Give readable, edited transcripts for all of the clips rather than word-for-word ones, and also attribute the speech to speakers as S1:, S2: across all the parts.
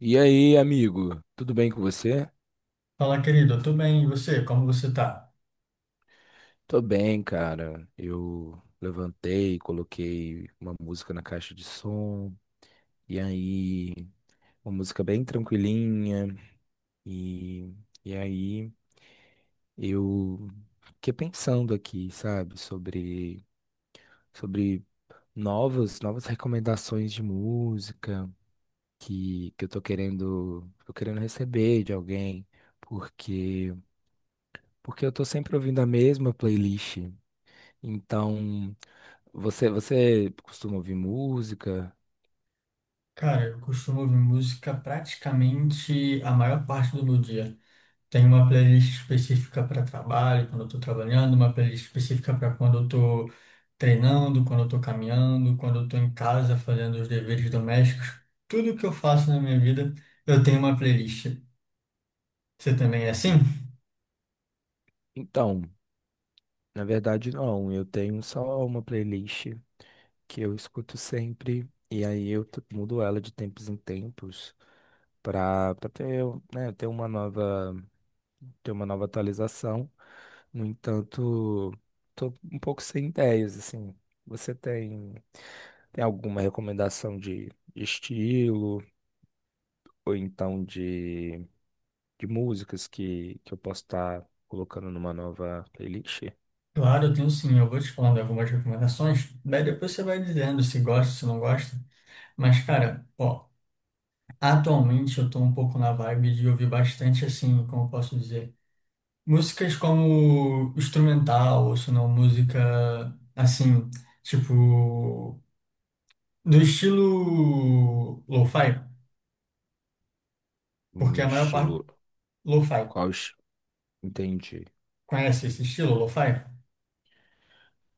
S1: E aí, amigo? Tudo bem com você?
S2: Fala, querido, eu tô bem, e você? Como você tá?
S1: Tô bem, cara. Eu levantei, coloquei uma música na caixa de som, e aí, uma música bem tranquilinha, e, e aí eu fiquei pensando aqui, sabe, sobre novas recomendações de música que eu tô tô querendo receber de alguém, porque, porque eu tô sempre ouvindo a mesma playlist. Então, você costuma ouvir música?
S2: Cara, eu costumo ouvir música praticamente a maior parte do meu dia. Tem uma playlist específica para trabalho, quando eu tô trabalhando, uma playlist específica para quando eu tô treinando, quando eu tô caminhando, quando eu tô em casa fazendo os deveres domésticos. Tudo que eu faço na minha vida, eu tenho uma playlist. Você também é assim?
S1: Hum. Então, na verdade não, eu tenho só uma playlist que eu escuto sempre e aí mudo ela de tempos em tempos para ter, né, ter uma nova atualização. No entanto, tô um pouco sem ideias assim. Você tem tem alguma recomendação de estilo ou então de músicas que eu posso estar colocando numa nova playlist?
S2: Claro, eu tenho sim. Eu vou te falando algumas recomendações, daí depois você vai dizendo se gosta, se não gosta. Mas, cara, ó. Atualmente eu estou um pouco na vibe de ouvir bastante, assim, como eu posso dizer, músicas como instrumental, ou se não, música, assim, tipo, do estilo lo-fi, porque
S1: Um
S2: a maior parte...
S1: estilo.
S2: Lo-fi.
S1: Qual? es- Entendi.
S2: Conhece esse estilo, lo-fi?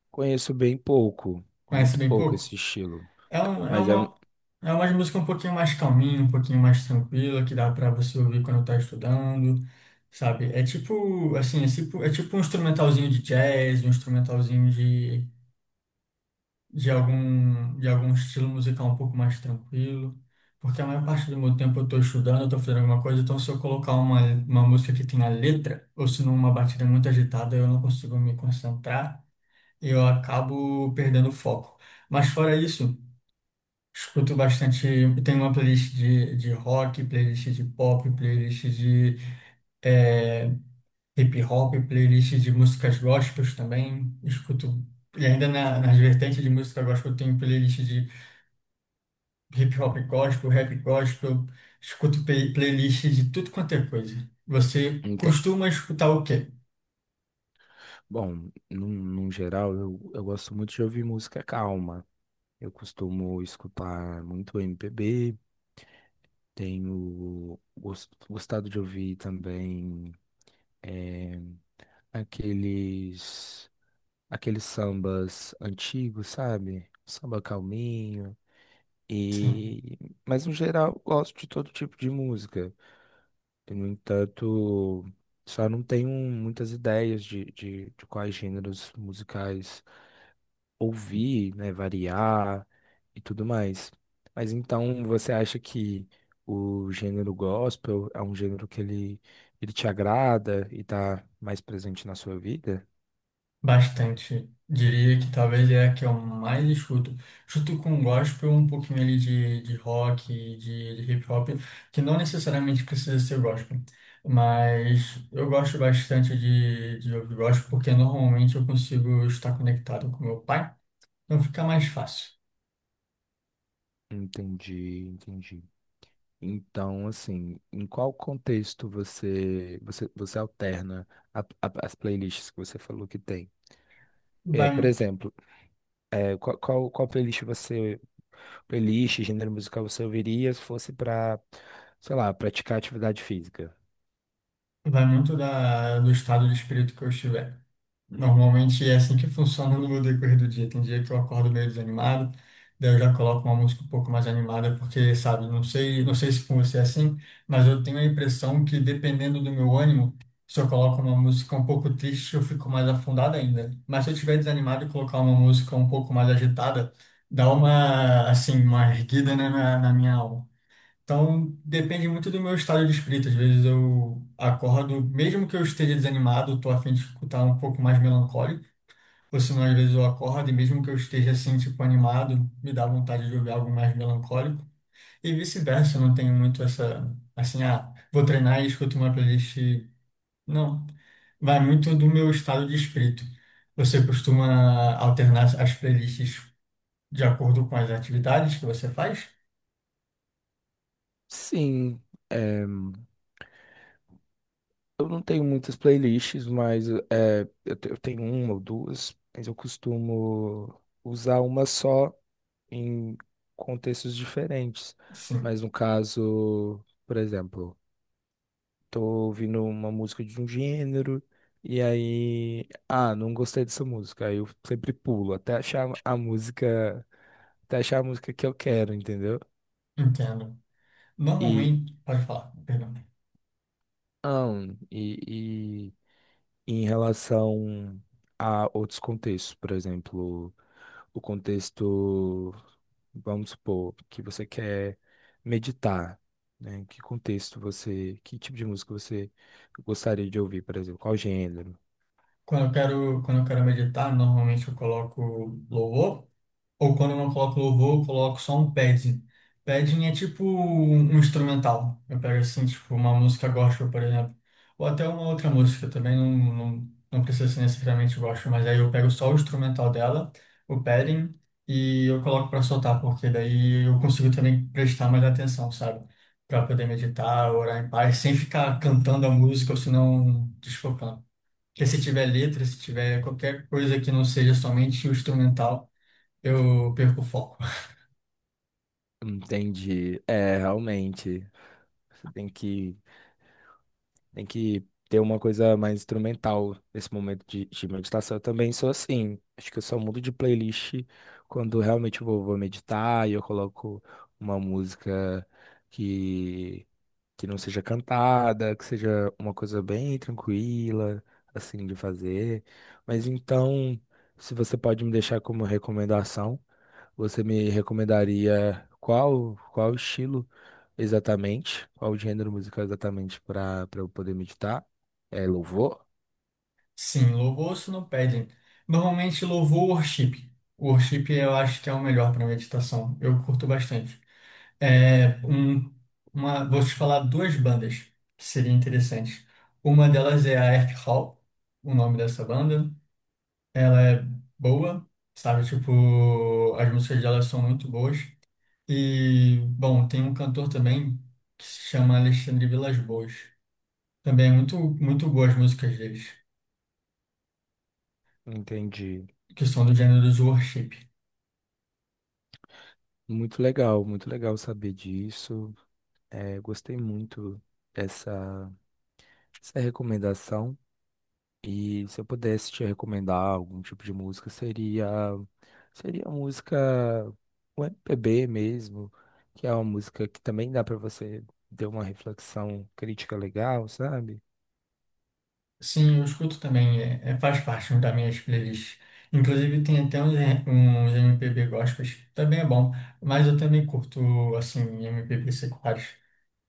S1: Conheço bem pouco,
S2: Conhece
S1: muito
S2: bem
S1: pouco
S2: pouco?
S1: esse estilo.
S2: É, um, é
S1: Mas é um.
S2: uma, é uma música um pouquinho mais calminha, um pouquinho mais tranquila, que dá pra você ouvir quando tá estudando, sabe? É tipo, assim, é tipo um instrumentalzinho de jazz, um instrumentalzinho de algum estilo musical um pouco mais tranquilo. Porque a maior parte do meu tempo eu tô estudando, eu tô fazendo alguma coisa, então se eu colocar uma música que tenha letra, ou se não uma batida muito agitada, eu não consigo me concentrar, eu acabo perdendo o foco. Mas fora isso, escuto bastante, tenho uma playlist de rock, playlist de pop, playlist de eh, hip hop, playlist de músicas gospels também. Escuto, e ainda nas vertentes de música gospel, eu tenho playlist de hip hop gospel, rap gospel, escuto playlist de tudo quanto é coisa. Você
S1: ente-
S2: costuma escutar o quê?
S1: Bom, num geral, eu gosto muito de ouvir música calma. Eu costumo escutar muito MPB, tenho gostado de ouvir também eh, aqueles, aqueles sambas antigos, sabe? Samba calminho.
S2: Sim.
S1: E, mas no geral, eu gosto de todo tipo de música. E, no entanto, só não tenho muitas ideias de quais gêneros musicais ouvir, né, variar e tudo mais. Mas então, você acha que o gênero gospel é um gênero que ele te agrada e está mais presente na sua vida?
S2: Bastante. Diria que talvez é a que eu mais escuto. Escuto com gospel, um pouquinho ali de rock, de hip hop, que não necessariamente precisa ser gospel. Mas eu gosto bastante de ouvir gospel, porque normalmente eu consigo estar conectado com meu pai, então fica mais fácil.
S1: Entendi, entendi. Então, assim, em qual contexto você alterna as playlists que você falou que tem? É,
S2: Vai,
S1: por exemplo, é, qual playlist você playlist, gênero musical você ouviria se fosse para, sei lá, praticar atividade física?
S2: vai muito do estado de espírito que eu estiver. Normalmente é assim que funciona no meu decorrer do dia. Tem dia que eu acordo meio desanimado, daí eu já coloco uma música um pouco mais animada, porque, sabe, não sei, não sei se com você é assim, mas eu tenho a impressão que dependendo do meu ânimo, se eu coloco uma música um pouco triste, eu fico mais afundado ainda. Mas se eu estiver desanimado e colocar uma música um pouco mais agitada, dá uma, assim, uma erguida, né, na minha alma. Então, depende muito do meu estado de espírito. Às vezes eu acordo, mesmo que eu esteja desanimado, tô a fim de escutar um pouco mais melancólico. Ou senão, às vezes eu acordo e mesmo que eu esteja assim, tipo, animado, me dá vontade de ouvir algo mais melancólico. E vice-versa, eu não tenho muito essa, assim, ah, vou treinar e escuto uma playlist. Não. Vai muito do meu estado de espírito. Você costuma alternar as playlists de acordo com as atividades que você faz?
S1: Sim, eu não tenho muitas playlists, mas é, eu tenho uma ou duas, mas eu costumo usar uma só em contextos diferentes.
S2: Sim,
S1: Mas no caso, por exemplo, tô ouvindo uma música de um gênero, e aí, ah, não gostei dessa música. Aí eu sempre pulo até achar a até achar a música que eu quero, entendeu?
S2: entendo.
S1: E,
S2: Normalmente, pode falar, perdão.
S1: ah, e, e em relação a outros contextos, por exemplo, o contexto, vamos supor, que você quer meditar, né? Que contexto que tipo de música você gostaria de ouvir, por exemplo, qual gênero?
S2: Quando eu quero meditar, normalmente eu coloco louvor. Ou quando eu não coloco louvor, eu coloco só um padding. Padding é tipo um instrumental. Eu pego assim, tipo, uma música gospel, por exemplo. Ou até uma outra música também, não precisa ser necessariamente gospel, mas aí eu pego só o instrumental dela, o padding, e eu coloco pra soltar, porque daí eu consigo também prestar mais atenção, sabe? Pra poder meditar, orar em paz, sem ficar cantando a música ou senão desfocando. Porque se tiver letra, se tiver qualquer coisa que não seja somente o instrumental. Eu perco o foco.
S1: Entendi. É, realmente. Você tem que, tem que ter uma coisa mais instrumental nesse momento de meditação. Eu também sou assim. Acho que eu só mudo de playlist quando realmente vou meditar e eu coloco uma música que que não seja cantada, que seja uma coisa bem tranquila, assim, de fazer. Mas então, se você pode me deixar como recomendação, você me recomendaria qual estilo exatamente, qual gênero musical exatamente para eu poder meditar? É louvor?
S2: Sim, louvor se não pedem. Normalmente louvor ou worship. O worship eu acho que é o melhor para meditação. Eu curto bastante. É um, vou te falar duas bandas que seria interessante. Uma delas é a Earth Hall, o nome dessa banda. Ela é boa, sabe? Tipo, as músicas dela são muito boas. E, bom, tem um cantor também que se chama Alexandre Vilas-Boas. Também é muito, muito boas as músicas deles.
S1: Entendi.
S2: Questão do gênero do worship.
S1: Muito legal saber disso. É, gostei muito dessa, dessa recomendação. E se eu pudesse te recomendar algum tipo de música, seria a música o MPB mesmo, que é uma música que também dá pra você ter uma reflexão crítica legal, sabe?
S2: Sim, eu escuto também, faz parte né, das minhas playlists. Inclusive tem até uns MPB gospels, também é bom, mas eu também curto, assim, MPB seculares.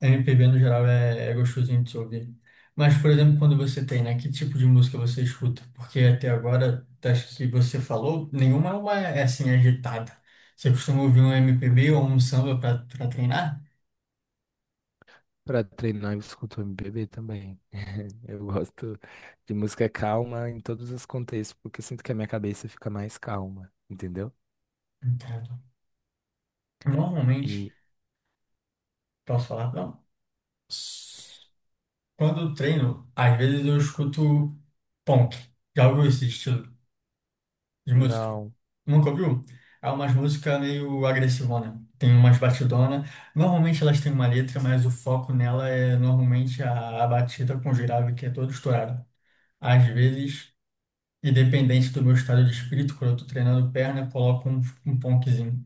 S2: MPB no geral é, é gostosinho de se ouvir. Mas, por exemplo, quando você tem, né, que tipo de música você escuta? Porque até agora, das que você falou, nenhuma é, uma, é assim, agitada. Você costuma ouvir um MPB ou um samba para treinar?
S1: Pra treinar eu escuto MPB também. Eu gosto de música calma em todos os contextos, porque eu sinto que a minha cabeça fica mais calma, entendeu?
S2: Entendo. Normalmente,
S1: E
S2: posso falar? Não? Quando eu treino, às vezes eu escuto punk. Já ouviu esse estilo de música?
S1: não,
S2: Nunca ouviu? É umas músicas meio agressivona. Tem umas batidona. Normalmente elas têm uma letra, mas o foco nela é normalmente a batida com grave, que é todo estourado. Às vezes, independente do meu estado de espírito, quando eu tô treinando perna, eu coloco um punkzinho.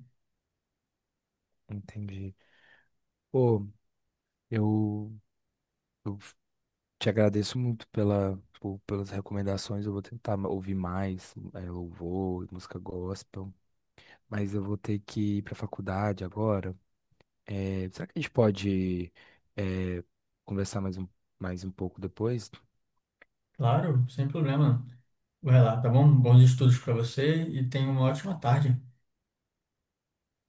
S1: entendi. Pô, eu, eu te agradeço muito pelas recomendações. Eu vou tentar ouvir mais, é, louvor, música gospel. Mas eu vou ter que ir para a faculdade agora. É, será que a gente é, conversar mais um pouco depois?
S2: Claro, sem problema. Vai lá, tá bom? Bons estudos pra você e tenha uma ótima tarde.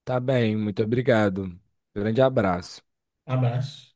S1: Tá bem, muito obrigado. Grande abraço.
S2: Abraço.